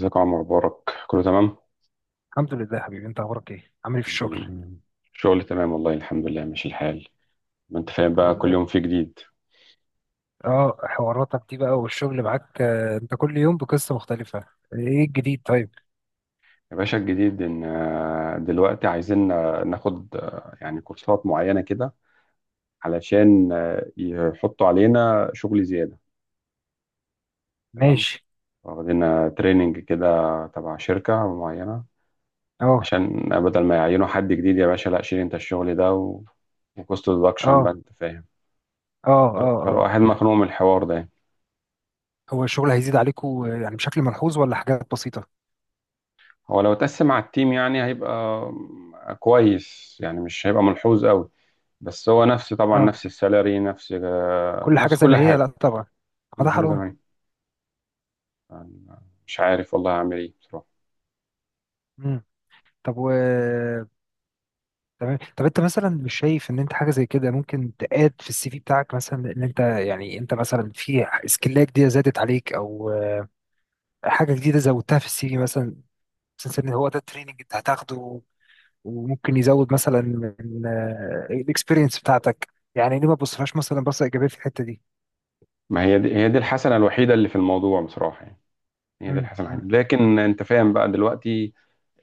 ازيك يا عمر مبارك؟ كله تمام. الحمد لله يا حبيبي، انت اخبارك ايه؟ عامل ايه في الشغل؟ مم. الشغل تمام والله، الحمد لله ماشي الحال. ما انت فاهم الحمد بقى، كل يوم لله. في جديد. اه، حواراتك دي بقى والشغل معاك انت كل يوم بقصة مختلفة. ايه الجديد طيب؟ يا باشا، الجديد ان دلوقتي عايزين ناخد يعني كورسات معينة كده، علشان يحطوا علينا شغل زيادة. تمام، ماشي. واخدين تريننج كده تبع شركة معينة، اه عشان بدل ما يعينوا حد جديد، يا باشا لا شيل انت الشغل ده و... وكوست برودكشن بقى، اه انت فاهم. اه. فالواحد مخنوق من الحوار ده. هو الشغل هيزيد عليكم يعني بشكل ملحوظ ولا حاجات بسيطة؟ هو لو اتقسم على التيم يعني هيبقى كويس، يعني مش هيبقى ملحوظ قوي. بس هو نفس، طبعا اه، نفس السالري، نفس كل حاجة نفس زي كل ما هي، لا حاجة، طبعا. ما كل ده حاجة حرام. زمان. يعني مش عارف والله هعمل ايه بصراحة. مم. طب تمام. طب انت مثلا مش شايف ان انت حاجه زي كده ممكن تقاد في السي في بتاعك؟ مثلا ان انت، يعني انت مثلا في سكيلات جديده زادت عليك او حاجه جديده زودتها في السي في مثلا. حاسس ان هو ده التريننج انت هتاخده وممكن يزود مثلا من الاكسبيرينس بتاعتك؟ يعني ليه ما تبصفهاش مثلا بصه ايجابيه في الحته دي؟ ما هي دي الحسنة الوحيدة اللي في الموضوع بصراحة يعني، هي دي مم، الحسنة الوحيدة، مم، لكن انت فاهم بقى دلوقتي.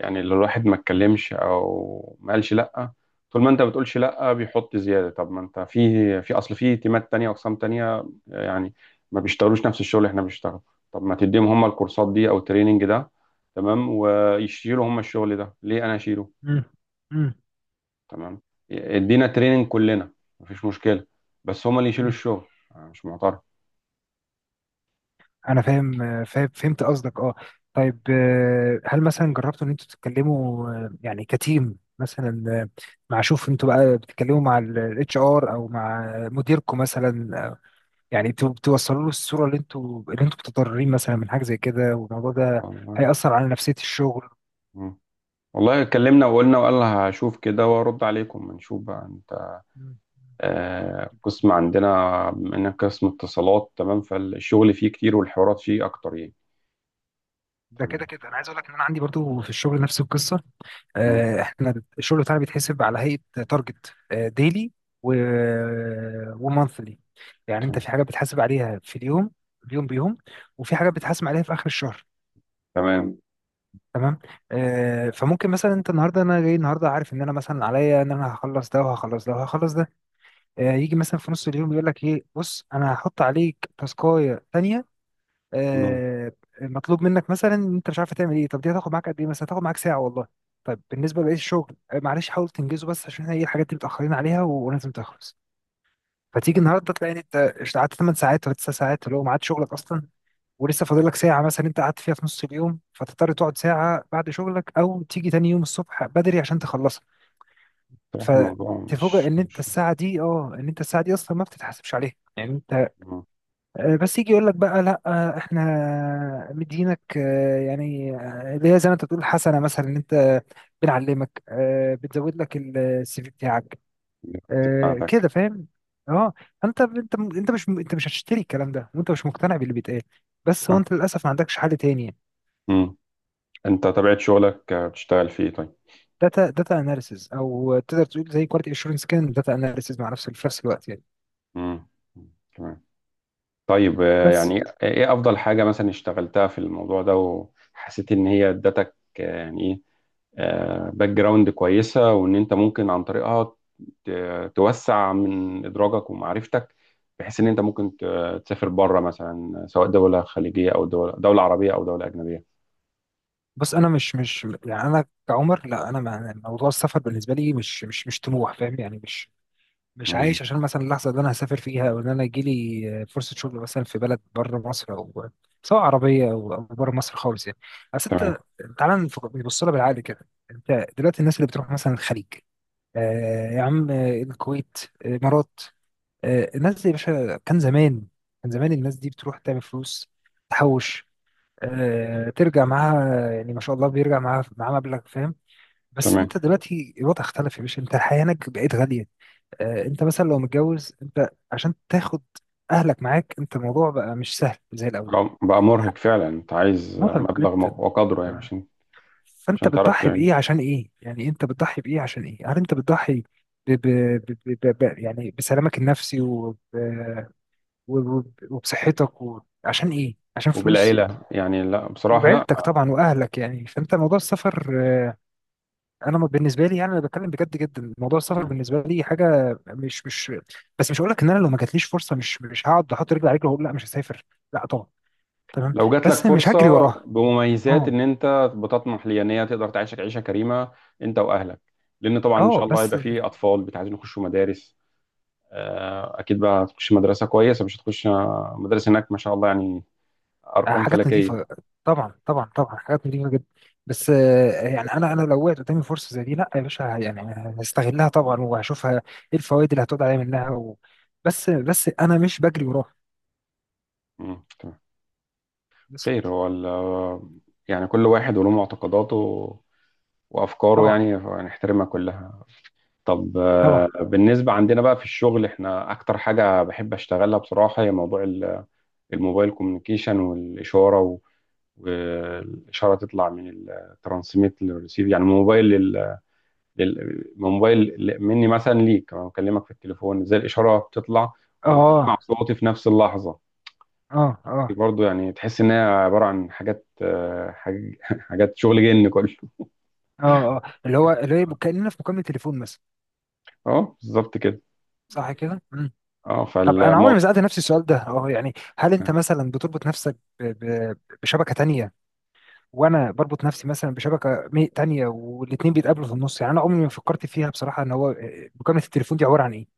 يعني اللي الواحد ما اتكلمش او ما قالش لا، طول ما انت بتقولش لا بيحط زياده. طب ما انت في اصل في تيمات تانية، اقسام تانية يعني ما بيشتغلوش نفس الشغل اللي احنا بنشتغله. طب ما تديهم هم الكورسات دي او التريننج ده، تمام، ويشيلوا هم الشغل ده، ليه انا اشيله؟ مم، مم، تمام، ادينا تريننج كلنا، مفيش مشكله، بس هم اللي يشيلوا مم. الشغل. أنا مش معترض. انا فاهم، فاهم، فهمت قصدك. اه، طيب هل مثلا جربتوا ان انتوا تتكلموا يعني كتيم مثلا مع، شوف، انتوا بقى بتتكلموا مع الاتش ار او مع مديركم مثلا يعني توصلوا له الصوره اللي انتوا اللي انتوا متضررين مثلا من حاجه زي كده، والموضوع ده والله هيأثر يعني. على نفسية الشغل. مم. والله اتكلمنا وقلنا، وقال هشوف كده وارد عليكم، نشوف بقى انت. مم. قسم عندنا بما انك قسم اتصالات، تمام، فالشغل فيه كتير والحوارات فيه اكتر يعني. ده تمام، كده كده انا عايز اقول لك ان انا عندي برضو في الشغل نفس القصه. مم، احنا الشغل بتاعنا بيتحسب على هيئه تارجت ديلي و ومانثلي. يعني انت تمام. في حاجه بتحاسب عليها في اليوم، اليوم بيوم، وفي حاجه بتحاسب عليها في اخر الشهر. تمام. تمام. فممكن مثلا انت النهارده، انا جاي النهارده عارف ان انا مثلا عليا ان انا هخلص ده وهخلص ده وهخلص ده. يجي مثلا في نص اليوم يقول لك ايه، بص انا هحط عليك تاسكايه تانيه مم، آه، مطلوب منك، مثلا إن انت مش عارف تعمل ايه. طب دي هتاخد معاك قد ايه؟ مثلا هتاخد معاك ساعه والله. طيب بالنسبه لبقيه الشغل معلش حاول تنجزه بس عشان احنا ايه الحاجات دي متاخرين عليها ولازم تخلص. فتيجي النهارده تلاقي إن انت قعدت 8 ساعات ولا 9 ساعات اللي هو ميعاد شغلك اصلا، ولسه فاضل لك ساعه مثلا انت قعدت فيها في نص اليوم، فتضطر تقعد ساعه بعد شغلك او تيجي تاني يوم الصبح بدري عشان تخلصها. بصراحة موضوع فتفوجئ مش ان انت مش الساعه دي، اه ان انت الساعه دي اصلا ما بتتحاسبش عليها يعني. مم، بس يجي يقول لك بقى لا احنا مدينك يعني اللي هي زي ما انت بتقول حسنه مثلا ان انت بنعلمك بتزود لك السي في بتاعك بتاعتك. كده، فاهم؟ اه. انت مش هتشتري الكلام ده وانت مش مقتنع باللي بيتقال، بس هو آه، انت للاسف ما عندكش حل تاني. مم. انت طبيعة شغلك، بتشتغل فيه طيب؟ داتا، داتا اناليسز، او تقدر تقول زي كواليتي اشورنس كده، داتا اناليسز مع نفس في نفس الوقت يعني. مم، مم، تمام. طيب بس يعني ايه افضل حاجة مثلا اشتغلتها في الموضوع ده، وحسيت ان هي ادتك يعني ايه، باك جراوند كويسه، وان انت ممكن عن طريقها توسع من ادراجك ومعرفتك، بحيث ان انت ممكن تسافر بره مثلا، سواء دوله خليجيه او دوله عربيه او دوله اجنبيه. بس انا مش يعني انا كعمر، لا، انا موضوع السفر بالنسبه لي مش طموح، فاهم يعني؟ مش مم. عايش عشان مثلا اللحظه اللي انا هسافر فيها او ان انا يجيلي فرصه شغل مثلا في بلد بره مصر، او سواء عربيه او أو بره مصر خالص يعني. بس تمام. انت تعالى نبص لها بالعقل كده. انت دلوقتي الناس اللي بتروح مثلا الخليج، آه يا عم، الكويت، الامارات، آه، الناس دي يا باشا كان زمان، كان زمان الناس دي بتروح تعمل فلوس، تحوش، آه ترجع معاها، يعني ما شاء الله بيرجع معاها، معاها مبلغ، فاهم. بس تمام، انت دلوقتي الوضع اختلف يا باشا، انت الحياه هناك بقت غاليه. انت مثلا لو متجوز، انت عشان تاخد اهلك معاك، انت الموضوع بقى مش سهل زي الاول. بقى مرهق فعلا، انت عايز مرهق مبلغ جدا. وقدره يعني، تمام؟ عشان فانت عشان تعرف بتضحي بايه تعيش، عشان ايه؟ يعني انت بتضحي بايه عشان ايه؟ هل انت بتضحي ب... ب... ب... ب... ب... ب- يعني بسلامك النفسي وب... وب... وبصحتك و... عشان ايه؟ عشان فلوس وبالعيله يعني. لا بصراحه، لا. وبعيلتك طبعا واهلك يعني. فانت موضوع السفر، انا بالنسبه لي يعني انا بتكلم بجد جدا، موضوع السفر بالنسبه لي حاجه مش بس. مش هقول لك ان انا لو ما جاتليش فرصه مش هقعد احط رجلي على رجلي واقول لا مش هسافر، لا طبعا. تمام. لو جات لك بس مش هجري فرصة وراها. بمميزات اه. إن أنت بتطمح ليها إن هي تقدر تعيشك عيشة كريمة أنت وأهلك، لأن طبعًا إن اه، شاء الله بس هيبقى فيه أطفال عايزين يخشوا مدارس، أكيد بقى هتخش مدرسة كويسة، مش هتخش مدارس هناك ما شاء الله يعني، أرقام حاجات نظيفه. فلكية. طبعا طبعا طبعا حاجات نظيفه جدا. بس يعني انا، انا لو وقعت قدامي فرصه زي دي، لا يا باشا يعني هستغلها طبعا وهشوفها ايه الفوائد اللي هتقعد عليا منها و... بس انا مش بجري وراها. مم، تمام. بس. خير. هو يعني كل واحد وله معتقداته وأفكاره، طبعا. يعني نحترمها كلها. طب طبعا. بالنسبة عندنا بقى في الشغل، إحنا أكتر حاجة بحب أشتغلها بصراحة هي موضوع الموبايل كوميونيكيشن والاشاره و... والاشاره تطلع من الترانسميت للريسيف، يعني من موبايل من موبايل مني مثلا ليك، انا بكلمك في التليفون، ازاي الاشاره بتطلع وتسمع اه صوتي في نفس اللحظه. اه اه دي برضه يعني تحس ان هي عباره عن حاجات، حاجات شغل جن كله. اه اه، اللي هو اللي هي كأننا في مكالمة تليفون مثلا. اه، بالظبط كده. صح كده؟ مم. اه، طب انا عمري ما فالموضوع سألت نفسي السؤال ده، اه يعني هل انت مثلا بتربط نفسك ب... ب... بشبكة تانية، وانا بربط نفسي مثلا بشبكة تانية، والاتنين بيتقابلوا في النص؟ يعني انا عمري ما فكرت فيها بصراحة ان هو مكالمة التليفون دي عبارة عن ايه؟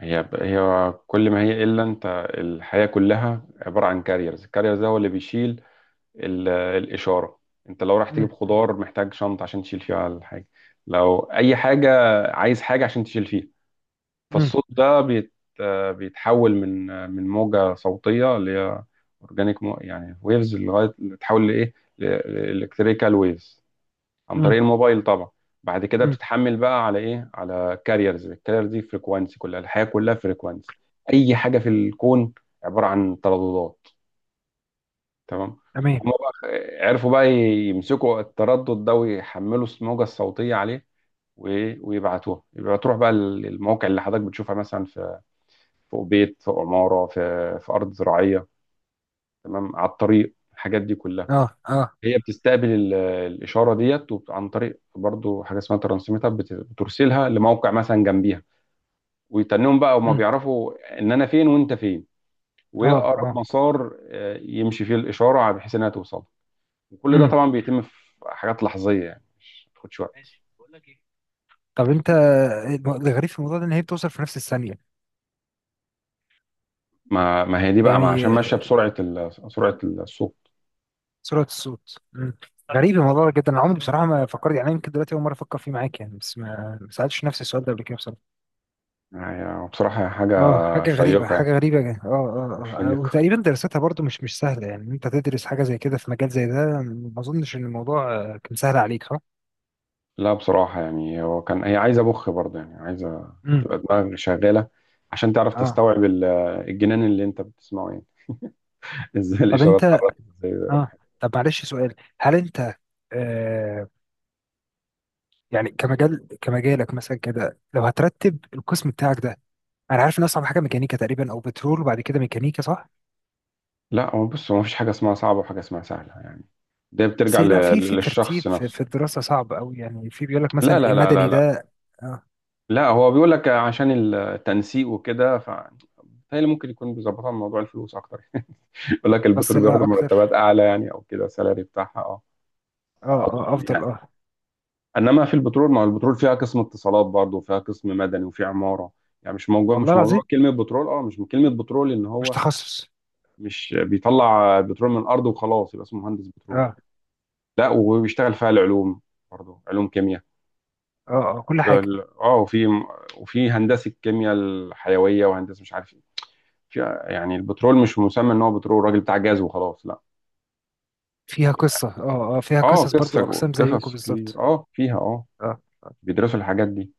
هي كل ما هي الا انت. الحياه كلها عباره عن كاريرز، الكاريرز ده هو اللي بيشيل الإشارة. أنت لو رايح مم. تجيب خضار محتاج شنطة عشان تشيل فيها الحاجة، لو أي حاجة، عايز حاجة عشان تشيل فيها. مم. فالصوت ده بيت... بيتحول من من موجة صوتية اللي هي أورجانيك، يعني ويفز، لغاية تحول لإيه، الكتريكال ويفز، عن طريق مم. الموبايل طبعا. بعد كده مم. بتتحمل بقى على إيه، على كاريرز. الكاريرز دي فريكوانسي، كلها الحياة كلها فريكوانسي. أي حاجة في الكون عبارة عن ترددات، تمام. تمام. فهم بقى، عرفوا بقى يمسكوا التردد ده ويحملوا الموجة الصوتية عليه، ويبعتوها يبقى تروح بقى المواقع اللي حضرتك بتشوفها مثلا، في فوق بيت، فوق عمارة، في أرض زراعية، تمام، على الطريق، الحاجات دي كلها اه، اه. هي بتستقبل الإشارة ديت، عن طريق برضو حاجة اسمها ترانسميتر، بترسلها لموقع مثلا جنبيها، ويتنهم بقى، وما مم. بيعرفوا إن أنا فين وأنت فين، وإيه اه، أقرب اه. مسار يمشي فيه الإشارة بحيث إنها توصل. وكل ده مم. طبعا بيتم في حاجات لحظيه، يعني مش ما بتاخدش وقت. ماشي. بقول لك ايه، طب انت الغريب في الموضوع ده ان هي بتوصل في نفس الثانية ما هي دي بقى، ما عشان يعني، ماشيه بسرعه سرعه السوق. سرعة الصوت. مم. غريب الموضوع ده جدا، انا عمري بصراحة ما فكرت، يعني يمكن دلوقتي أول مرة أفكر فيه معاك يعني، بس ما ما سألتش نفسي السؤال ده قبل كده بصراحة. يعني بصراحه هي حاجه اه، حاجة غريبة، شيقه يعني، حاجة غريبة جدا. اه مش اه اه شيقه. وتقريبا دراستها برضو مش سهلة يعني، إن انت تدرس حاجة زي كده في مجال زي ده. ما اظنش ان الموضوع كان سهل عليك، صح؟ لا بصراحه يعني، هو كان هي عايزه مخ برضه، يعني عايزه امم. تبقى دماغك شغاله عشان تعرف اه. تستوعب الجنان اللي انت بتسمعه يعني. ازاي طب الاشارات انت، اتحركت، ازاي اه، اتحركت. طب معلش سؤال، هل انت، آه، يعني كمجال كمجالك مثلا كده، لو هترتب القسم بتاعك ده، انا عارف ان اصعب حاجة ميكانيكا تقريبا او بترول وبعد كده ميكانيكا، صح؟ لا هو بص، هو مفيش حاجه اسمها صعبه وحاجه اسمها سهله يعني، ده بترجع بس لا في في ترتيب للشخص في, نفسه. في الدراسة صعب قوي يعني، في بيقول لك لا، مثلا لا، لا، لا، المدني لا. ده. اه، لا، هو بيقول لك عشان التنسيق وكده، هي اللي ممكن يكون بيظبطها من موضوع الفلوس اكتر. يقول لك بس البترول لها بياخدوا مرتبات اكتر. اعلى يعني، او كده السالري بتاعها اه اه. اه، يعني. افضل. اه. انما في البترول، ما هو البترول فيها قسم اتصالات برضه وفيها قسم مدني وفي عماره، يعني مش موضوع والله مش موضوع العظيم. كلمه بترول. اه مش من كلمه بترول ان مش هو تخصص. مش بيطلع بترول من الارض وخلاص يبقى اسمه مهندس بترول. اه. لا، وبيشتغل فيها العلوم، برضه علوم كيمياء، اه. اه، كل في حاجة ال- اه وفي، وفي هندسه كيمياء الحيويه وهندسه مش عارف ايه في- يعني البترول مش مسمى ان هو بترول راجل بتاع جاز وخلاص لا. فيها قصة. اه، اه، فيها اه، قصص برضو اقسام زيكم قصص بالظبط. كبير اه فيها اه اه، بيدرسوا الحاجات دي.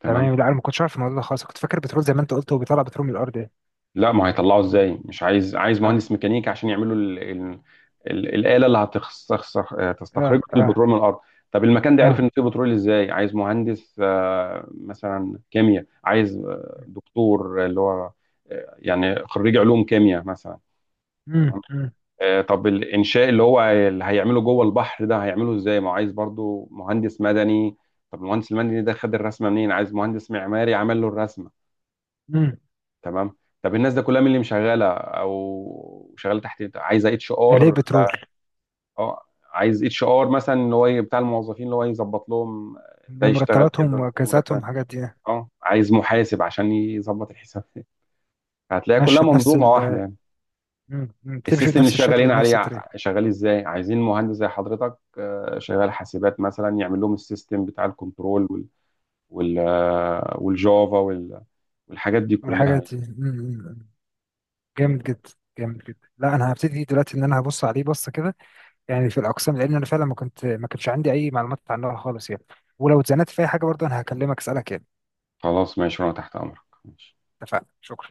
تمام. تمام. لا انا ما كنتش عارف الموضوع ده خالص، كنت فاكر بترول زي ما انت قلت هو بيطلع بترول من الارض يعني. لا ما هيطلعوا ازاي، مش عايز اه. مهندس ميكانيكا عشان يعملوا الاله اللي اه. تستخرج اه. البترول من الارض. طب المكان ده عرف اه. ان فيه بترول ازاي، عايز مهندس مثلا كيمياء، عايز دكتور اللي هو يعني خريج علوم كيمياء مثلا. امم. تمام. امم. طب الانشاء اللي هو اللي هيعمله جوه البحر ده هيعمله ازاي، ما هو عايز برضو مهندس مدني. طب المهندس المدني ده خد الرسمه منين، عايز مهندس معماري عمل له الرسمه. امم. تمام. طب الناس ده كلها مين اللي مشغله او شغاله تحت إيه؟ عايز اتش اللي هي ار بترول. اه، عايز HR مثلا، اللي هو بتاع الموظفين، اللي هو يظبط لهم، ده يشتغل مرتباتهم كده واجازاتهم ومرتب، الحاجات دي يعني. اه عايز محاسب عشان يظبط الحساب. هتلاقي كلها ماشية بنفس منظومه ال... واحده يعني. مم، مم، بتمشي السيستم اللي بنفس الشكل شغالين وبنفس عليه الطريقة. شغال ازاي، عايزين مهندس زي حضرتك، شغال حاسبات مثلا، يعمل لهم السيستم بتاع الكنترول، والجافا والحاجات دي كلها والحاجة يعني. دي م. جامد جدا. جامد جدا. لا انا هبتدي دلوقتي ان انا هبص عليه بصه كده يعني في الاقسام، لان انا فعلا ما كنت، ما كانش عندي اي معلومات عنها خالص يعني. ولو اتزنقت في اي حاجه برضه انا هكلمك اسالك يعني. خلاص ماشي، وانا تحت امرك. ماشي. اتفقنا، شكرا.